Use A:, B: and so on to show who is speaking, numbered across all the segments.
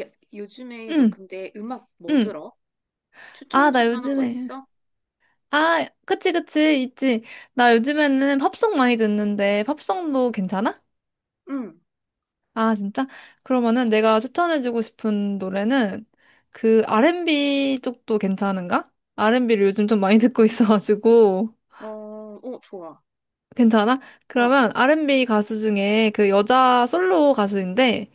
A: 야, 요즘에 너
B: 응,
A: 근데 음악 뭐
B: 응.
A: 들어?
B: 아, 나
A: 추천해줄 만한 거
B: 요즘에.
A: 있어?
B: 아, 그치, 그치, 있지. 나 요즘에는 팝송 많이 듣는데, 팝송도 괜찮아?
A: 응.
B: 아, 진짜? 그러면은 내가 추천해주고 싶은 노래는 그 R&B 쪽도 괜찮은가? R&B를 요즘 좀 많이 듣고 있어가지고.
A: 어, 어, 좋아.
B: 괜찮아?
A: 어,
B: 그러면 R&B 가수 중에 그 여자 솔로 가수인데,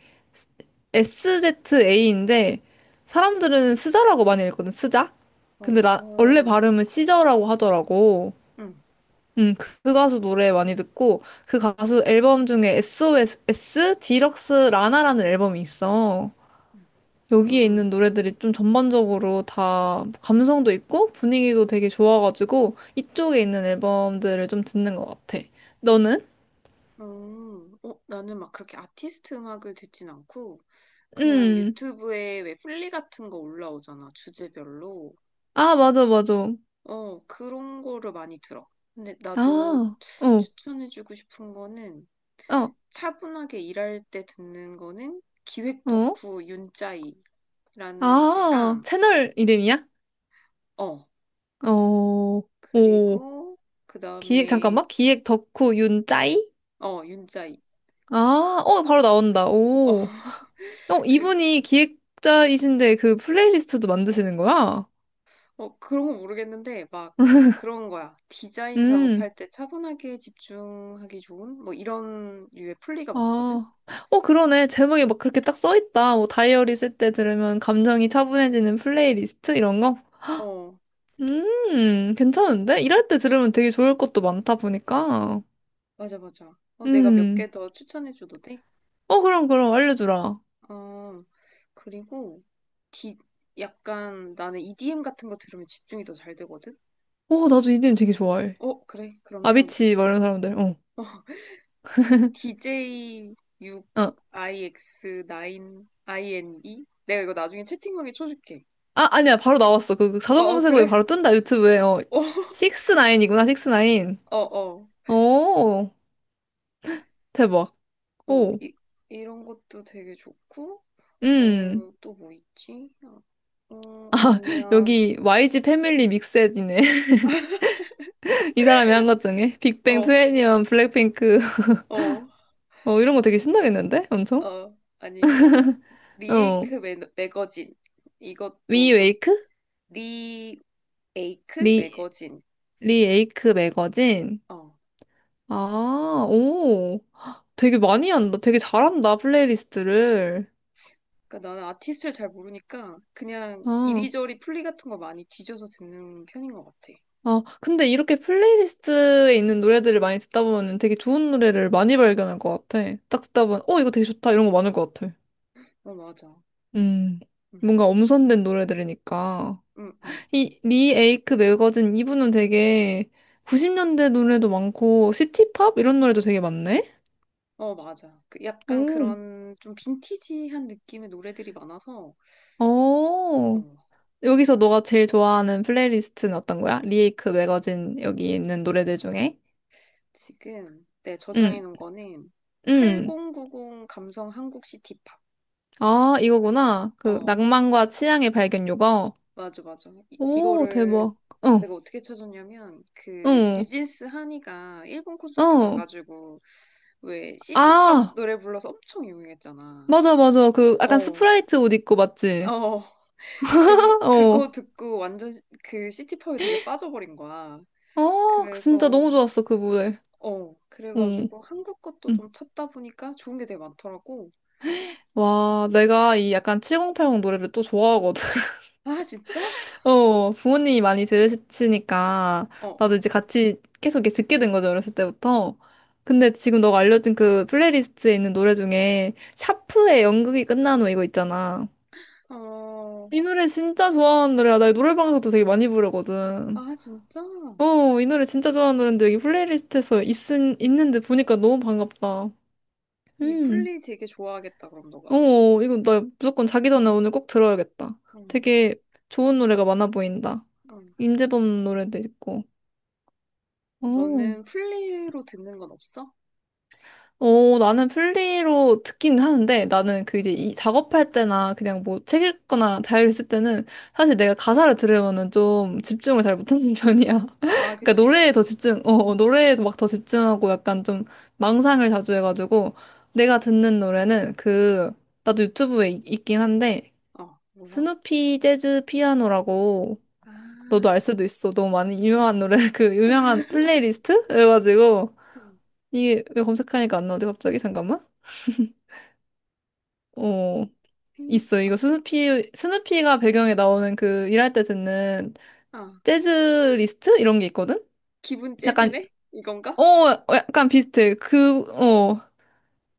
B: SZA인데, 사람들은 스자라고 많이 읽거든, 스자? 근데 나, 원래
A: 어,
B: 발음은 시저라고 하더라고.
A: 응,
B: 그, 그 가수 노래 많이 듣고, 그 가수 앨범 중에 SOS 디럭스 라나라는 앨범이 있어.
A: 응, 응,
B: 여기에
A: 응.
B: 있는 노래들이 좀 전반적으로 다 감성도 있고 분위기도 되게 좋아가지고 이쪽에 있는 앨범들을 좀 듣는 것 같아. 너는?
A: 어, 나는 막 그렇게 아티스트 음악을 듣진 않고 그냥
B: 음,
A: 유튜브에 왜 플리 같은 거 올라오잖아, 주제별로.
B: 아, 맞아, 맞아.
A: 어, 그런 거를 많이 들어. 근데 나도
B: 아, 어,
A: 추천해주고 싶은 거는
B: 어,
A: 차분하게 일할 때 듣는 거는 기획
B: 어.
A: 덕후 윤짜이라는
B: 아,
A: 데랑,
B: 채널 이름이야?
A: 어,
B: 어, 오.
A: 그리고 그
B: 기획,
A: 다음에,
B: 잠깐만. 기획 덕후 윤짜이?
A: 어, 윤짜이.
B: 아, 어, 바로 나온다.
A: 어,
B: 오. 어,
A: 그,
B: 이분이 기획자이신데 그 플레이리스트도 만드시는 거야?
A: 어, 그런 거 모르겠는데 막 그런 거야. 디자인
B: 음,
A: 작업할 때 차분하게 집중하기 좋은 뭐 이런 류의 플리가 많거든.
B: 아. 어, 그러네. 제목이 막 그렇게 딱 써있다. 뭐, 다이어리 쓸 때 들으면 감정이 차분해지는 플레이리스트? 이런 거?
A: 어,
B: 괜찮은데? 일할 때 들으면 되게 좋을 것도 많다 보니까.
A: 맞아, 맞아. 어, 내가 몇
B: 음.
A: 개 더 추천해줘도 돼?
B: 어, 그럼, 그럼, 알려주라.
A: 아, 그리고 디, 약간 나는 EDM 같은 거 들으면 집중이 더 잘 되거든?
B: 어, 나도 이님 되게 좋아해.
A: 어, 그래. 그러면 이,
B: 아비치, 막 이런 사람들. 어. 어.
A: DJ6IX9INE? 내가 이거 나중에 채팅방에 쳐줄게.
B: 아, 아니야. 바로 나왔어. 그, 그
A: 어,
B: 자동
A: 어,
B: 검색어에
A: 그래.
B: 바로 뜬다. 유튜브에. 어.
A: 어,
B: 나인이구나 식스나인
A: 어, 어.
B: 오, 대박.
A: 어,
B: 오,
A: 이런 것도 되게 좋고,
B: 음.
A: 어, 또 뭐 있지? 어, 어,
B: 아,
A: 아니면,
B: 여기 YG 패밀리 믹셋이네. 이 사람이 한 것 중에. 빅뱅,
A: 어,
B: 투애니원, 블랙핑크.
A: 어,
B: 어, 이런 거 되게 신나겠는데? 엄청?
A: 어, 아니면,
B: 어.
A: 리에이크 매거진. 이것도 좀
B: 위웨이크?
A: 리에이크
B: 리,
A: 매거진.
B: 리에이크 매거진?
A: 어.
B: 아, 오. 되게 많이 한다. 되게 잘한다, 플레이리스트를.
A: 그러니까 나는 아티스트를 잘 모르니까 그냥
B: 아,
A: 이리저리 플리 같은 거 많이 뒤져서 듣는 편인 것 같아.
B: 아, 근데 이렇게 플레이리스트에 있는 노래들을 많이 듣다 보면 되게 좋은 노래를 많이 발견할 것 같아. 딱 듣다 보면, 어, 이거 되게 좋다. 이런 거 많을 것 같아.
A: 어, 맞아.
B: 음,
A: 음,
B: 뭔가 엄선된 노래 들으니까.
A: 음, 음, 음.
B: 이, 리 에이크 매거진 이분은 되게 90년대 노래도 많고, 시티팝? 이런 노래도 되게 많네?
A: 어, 맞아. 그
B: 오,
A: 약간 그런 좀 빈티지한 느낌의 노래들이 많아서. 어,
B: 어. 여기서 너가 제일 좋아하는 플레이리스트는 어떤 거야? 리 에이크 매거진 여기 있는 노래들 중에?
A: 지금 내 저장해
B: 응,
A: 놓은 거는
B: 응.
A: 8090 감성 한국 시티팝.
B: 아, 이거구나. 그,
A: 어,
B: 낭만과 취향의 발견 요거.
A: 맞아, 맞아. 이,
B: 오,
A: 이거를
B: 대박. 어,
A: 내가 어떻게 찾았냐면 그
B: 응,
A: 뉴진스 한이가 일본 콘서트
B: 어.
A: 가가지고 왜 시티팝
B: 아,
A: 노래 불러서 엄청 유명했잖아.
B: 맞아, 맞아. 그, 약간
A: 어,
B: 스프라이트 옷 입고 맞지?
A: 어. 그래서
B: 어.
A: 그거 듣고 완전 그 시티팝에 되게 빠져버린 거야.
B: 아, 진짜
A: 그래서,
B: 너무 좋았어, 그 무대.
A: 어,
B: 응.
A: 그래가지고 한국 것도
B: 응.
A: 좀 찾다 보니까 좋은 게 되게 많더라고.
B: 와, 내가 이 약간 7080 노래를 또 좋아하거든.
A: 아, 진짜?
B: 어, 부모님이 많이 들으시니까,
A: 어,
B: 나도
A: 어.
B: 이제 같이 계속 이렇게 듣게 된 거죠, 어렸을 때부터. 근데 지금 너가 알려준 그 플레이리스트에 있는 노래 중에, 샤프의 연극이 끝난 후 이거 있잖아.
A: 어,
B: 이 노래 진짜 좋아하는 노래야. 나 이 노래방에서도 되게 많이 부르거든.
A: 아, 진짜?
B: 어, 이 노래 진짜 좋아하는 노래인데 여기 플레이리스트에서 있는데 보니까 너무 반갑다.
A: 이
B: 음.
A: 플리 되게 좋아하겠다, 그럼
B: 어,
A: 너가.
B: 어, 이거 나 무조건 자기 전에 오늘 꼭 들어야겠다.
A: 응,
B: 되게 좋은 노래가 많아 보인다.
A: 응.
B: 임재범 노래도 있고. 어,
A: 너는 플리로 듣는 건 없어?
B: 어, 나는 플리로 듣긴 하는데 나는 그 이제 이 작업할 때나 그냥 뭐 책 읽거나 자유 있을 때는 사실 내가 가사를 들으면은 좀 집중을 잘 못하는 편이야.
A: 아,
B: 그러니까
A: 그치,
B: 노래에 더
A: 그치.
B: 집중, 어, 어, 노래에 막 더 집중하고 약간 좀 망상을 자주 해가지고 내가 듣는 노래는 그 나도 유튜브에 있- 있긴 한데
A: 어, 뭐야?
B: 스누피 재즈 피아노라고 너도 알
A: 아,
B: 수도 있어. 너무 많이 유명한 노래 그 유명한 플레이리스트? 그래가지고
A: 음,
B: 이게 왜 검색하니까 안 나오지 갑자기 잠깐만. 어
A: 피,
B: 있어
A: 아,
B: 이거 스누피 스누피가 배경에 나오는 그 일할 때 듣는
A: 아,
B: 재즈 리스트 이런 게 있거든.
A: 기분
B: 약간
A: 째지네? 이건가?
B: 어 어, 약간 비슷해. 그 어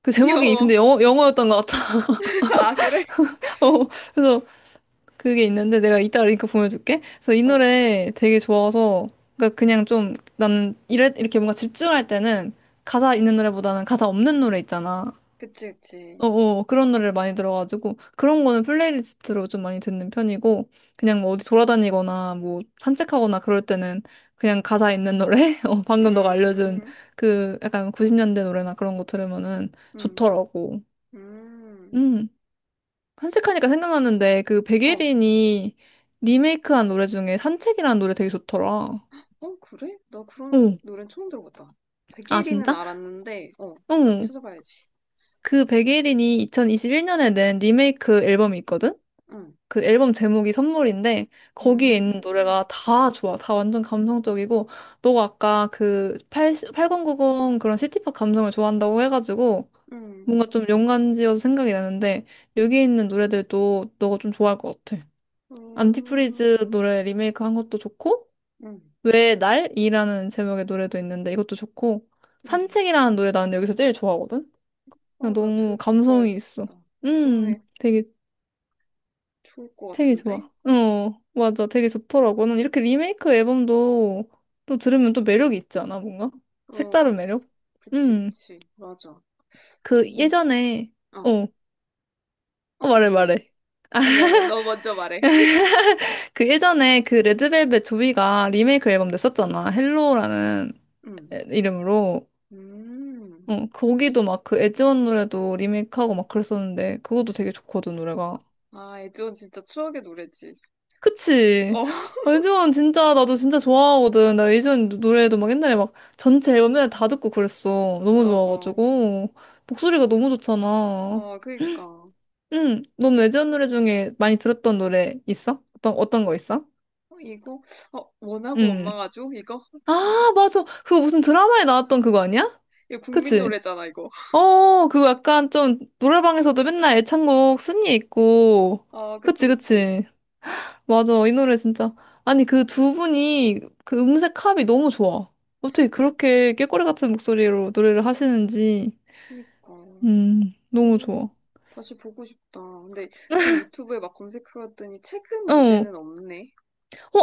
B: 그 제목이 근데
A: 귀여워.
B: 영어 영어였던 것 같아.
A: 아, 그래?
B: 어 그래서 그게 있는데 내가 이따 링크 보내줄게. 그래서 이
A: 어,
B: 노래 되게 좋아서 그러니까 그냥 좀 나는 이래 이렇게 뭔가 집중할 때는 가사 있는 노래보다는 가사 없는 노래 있잖아.
A: 그치, 그치.
B: 어어 그런 노래를 많이 들어가지고 그런 거는 플레이리스트로 좀 많이 듣는 편이고
A: 음.
B: 그냥 뭐 어디 돌아다니거나 뭐 산책하거나 그럴 때는 그냥 가사 있는 노래 어 방금 너가 알려준
A: 음,
B: 그 약간 90년대 노래나 그런 거 들으면은
A: 음,
B: 좋더라고.
A: 음.
B: 음. 산책하니까 생각났는데 그
A: 어,
B: 백예린이 리메이크한 노래 중에 산책이라는 노래 되게 좋더라.
A: 어, 그래? 나 그런
B: 응.
A: 노래는 처음 들어봤다.
B: 아,
A: 대게리는
B: 진짜?
A: 알았는데, 어, 나
B: 응.
A: 찾아봐야지.
B: 그 백예린이 2021년에 낸 리메이크 앨범이 있거든?
A: 응,
B: 그 앨범 제목이 선물인데 거기에 있는
A: 음,
B: 노래가 다 좋아. 다 완전 감성적이고 너가 아까 그 80, 8090 그런 시티팝 감성을 좋아한다고 해가지고
A: 음. 음,
B: 뭔가 좀 연관지어서 생각이 나는데 여기 있는 노래들도 너가 좀 좋아할 것 같아. 안티프리즈
A: 음,
B: 노래 리메이크 한 것도 좋고
A: 음,
B: 왜 날이라는 제목의 노래도 있는데 이것도 좋고
A: 음.
B: 산책이라는 노래 나는 여기서 제일 좋아하거든. 그냥
A: 어, 나
B: 너무
A: 들고
B: 감성이 있어.
A: 가야겠다. 너무
B: 음, 되게
A: 좋을 것
B: 되게 좋아.
A: 같은데?
B: 어, 맞아, 되게 좋더라고. 난 이렇게 리메이크 앨범도 또 들으면 또 매력이 있지 않아, 뭔가?
A: 어,
B: 색다른
A: 그치.
B: 매력?
A: 그치,
B: 음,
A: 그치. 맞아.
B: 그
A: 그림이.
B: 예전에
A: 어,
B: 어,
A: 어,
B: 어, 말해
A: 얘기해.
B: 말해.
A: 아니, 아니야. 너 먼저 말해.
B: 그 예전에 그 레드벨벳 조이가 리메이크 앨범 냈었잖아. 헬로라는
A: 음.
B: 이름으로.
A: 음.
B: 응, 거기도 막 그 에즈원 노래도 리메이크하고 막 그랬었는데 그것도 되게 좋거든 노래가.
A: 아, 애지원 진짜 추억의 노래지.
B: 그치?
A: 어,
B: 에즈원 진짜 나도 진짜 좋아하거든. 나 에즈원 노래도 막 옛날에 막 전체 앨범 맨날 다 듣고 그랬어. 너무
A: 어, 어.
B: 좋아가지고 목소리가 너무 좋잖아.
A: 어, 그니까.
B: 응, 넌 에즈원 노래 중에 많이 들었던 노래 있어? 어떤 어떤 거 있어?
A: 어, 이거? 어, 원하고
B: 응.
A: 원망하죠? 이거?
B: 아, 맞아. 그거 무슨 드라마에 나왔던 그거 아니야?
A: 이거 국민
B: 그치?
A: 노래잖아, 이거.
B: 어, 그거 약간 좀 노래방에서도 맨날 애창곡 순위 있고.
A: 아, 그치,
B: 그치,
A: 그치.
B: 그치. 맞아. 이 노래 진짜. 아니, 그 두 분이 그 음색 합이 너무 좋아. 어떻게
A: 어,
B: 그렇게 꾀꼬리 같은 목소리로 노래를 하시는지.
A: 그니까.
B: 너무
A: 음,
B: 좋아.
A: 다시 보고 싶다. 근데 지금 유튜브에 막 검색해봤더니 최근
B: 어, 어,
A: 무대는 없네.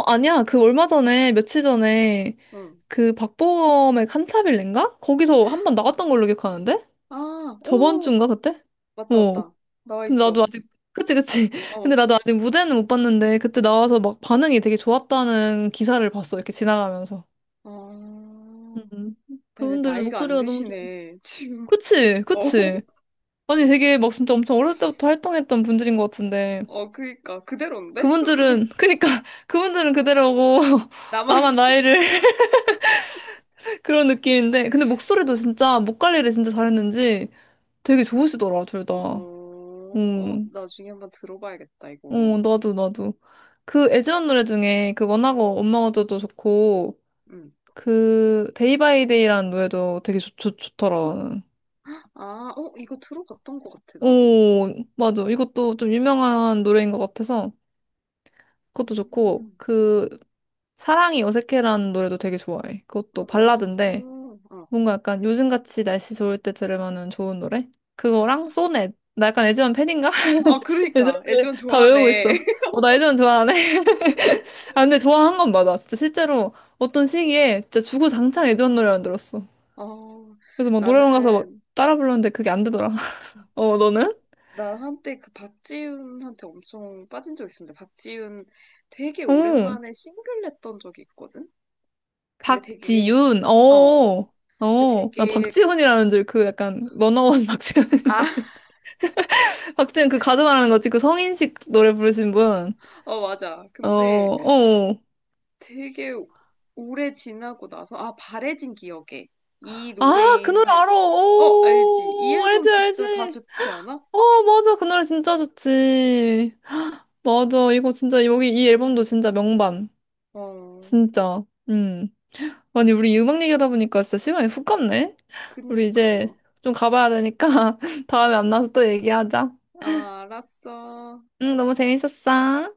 B: 아니야. 그 얼마 전에, 며칠 전에
A: 응.
B: 그 박보검의 칸타빌레인가? 거기서 한번 나왔던 걸로 기억하는데?
A: 아,
B: 저번
A: 오!
B: 주인가, 그때?
A: 맞다,
B: 어,
A: 맞다. 나와
B: 근데 나도
A: 있어.
B: 아직 그치 그치 근데
A: 어.
B: 나도 아직 무대는 못 봤는데 그때 나와서 막 반응이 되게 좋았다는 기사를 봤어 이렇게 지나가면서
A: 아,
B: 음
A: 얘네
B: 그분들
A: 나이가 안
B: 목소리가 너무 좋
A: 드시네, 지금.
B: 그치 그치
A: 어,
B: 아니 되게 막 진짜 엄청 어렸을 때부터 활동했던 분들인 것 같은데
A: 어, 그니까, 그대로인데?
B: 그분들은 그니까 그분들은 그대로고 나만
A: 나만,
B: 나이를 그런 느낌인데 근데 목소리도 진짜 목 관리를 진짜 잘했는지 되게 좋으시더라 둘 다.
A: 어, 어,
B: 음.
A: 나중에 한번 들어봐야겠다,
B: 어,
A: 이거.
B: 나도, 나도. 그 에즈원 노래 중에 그 원하고 원망 어쩌도 좋고,
A: 응.
B: 그 데이 바이 데이라는 노래도 되게 좋더라. 나는.
A: 아, 어, 이거 들어봤던 것 같아, 나도.
B: 오, 맞아. 이것도 좀 유명한 노래인 것 같아서 그것도 좋고,
A: 음,
B: 그 사랑이 어색해라는 노래도 되게 좋아해.
A: 어,
B: 그것도 발라드인데,
A: 어, 어.
B: 뭔가 약간 요즘같이 날씨 좋을 때 들으면은 좋은 노래? 그거랑 소넷. 나 약간 에즈원 팬인가?
A: 아, 그러니까,
B: 에즈원 을
A: 애지원
B: 다 외우고
A: 좋아하네.
B: 있어. 어, 나 에즈원 좋아하네. 아, 근데 좋아한 건 맞아. 진짜 실제로 어떤 시기에 진짜 주구장창 애전 노래만 들었어.
A: 어,
B: 그래서 막 노래방 가서 막
A: 나는,
B: 따라 불렀는데 그게 안 되더라. 어, 너는?
A: 나 한때 그 박지윤한테 엄청 빠진 적 있었는데, 박지윤 되게
B: 어,
A: 오랜만에 싱글 냈던 적이 있거든? 근데 되게,
B: 박지윤.
A: 어.
B: 어,
A: 근데
B: 어. 난
A: 되게
B: 박지훈이라는 줄 그 약간 워나원 박지훈.
A: 아,
B: 박지훈 그 가수 말하는 거지. 그 성인식 노래 부르신 분.
A: 어, 맞아.
B: 어,
A: 근데
B: 어.
A: 되게 오래 지나고 나서, 아, 바래진 기억에 이
B: 아,
A: 노래에
B: 그 노래
A: 있는,
B: 알아.
A: 어, 알지. 이
B: 오,
A: 앨범
B: 알지,
A: 진짜 다
B: 알지.
A: 좋지 않아?
B: 어, 맞아. 그 노래 진짜 좋지. 맞아. 이거 진짜 여기 이 앨범도 진짜 명반.
A: 어.
B: 진짜. 음. 아니, 우리 음악 얘기하다 보니까 진짜 시간이 훅 갔네? 우리
A: 그니까.
B: 이제 좀 가봐야 되니까 다음에 만나서 또 얘기하자.
A: 아, 알았어.
B: 응, 너무 재밌었어.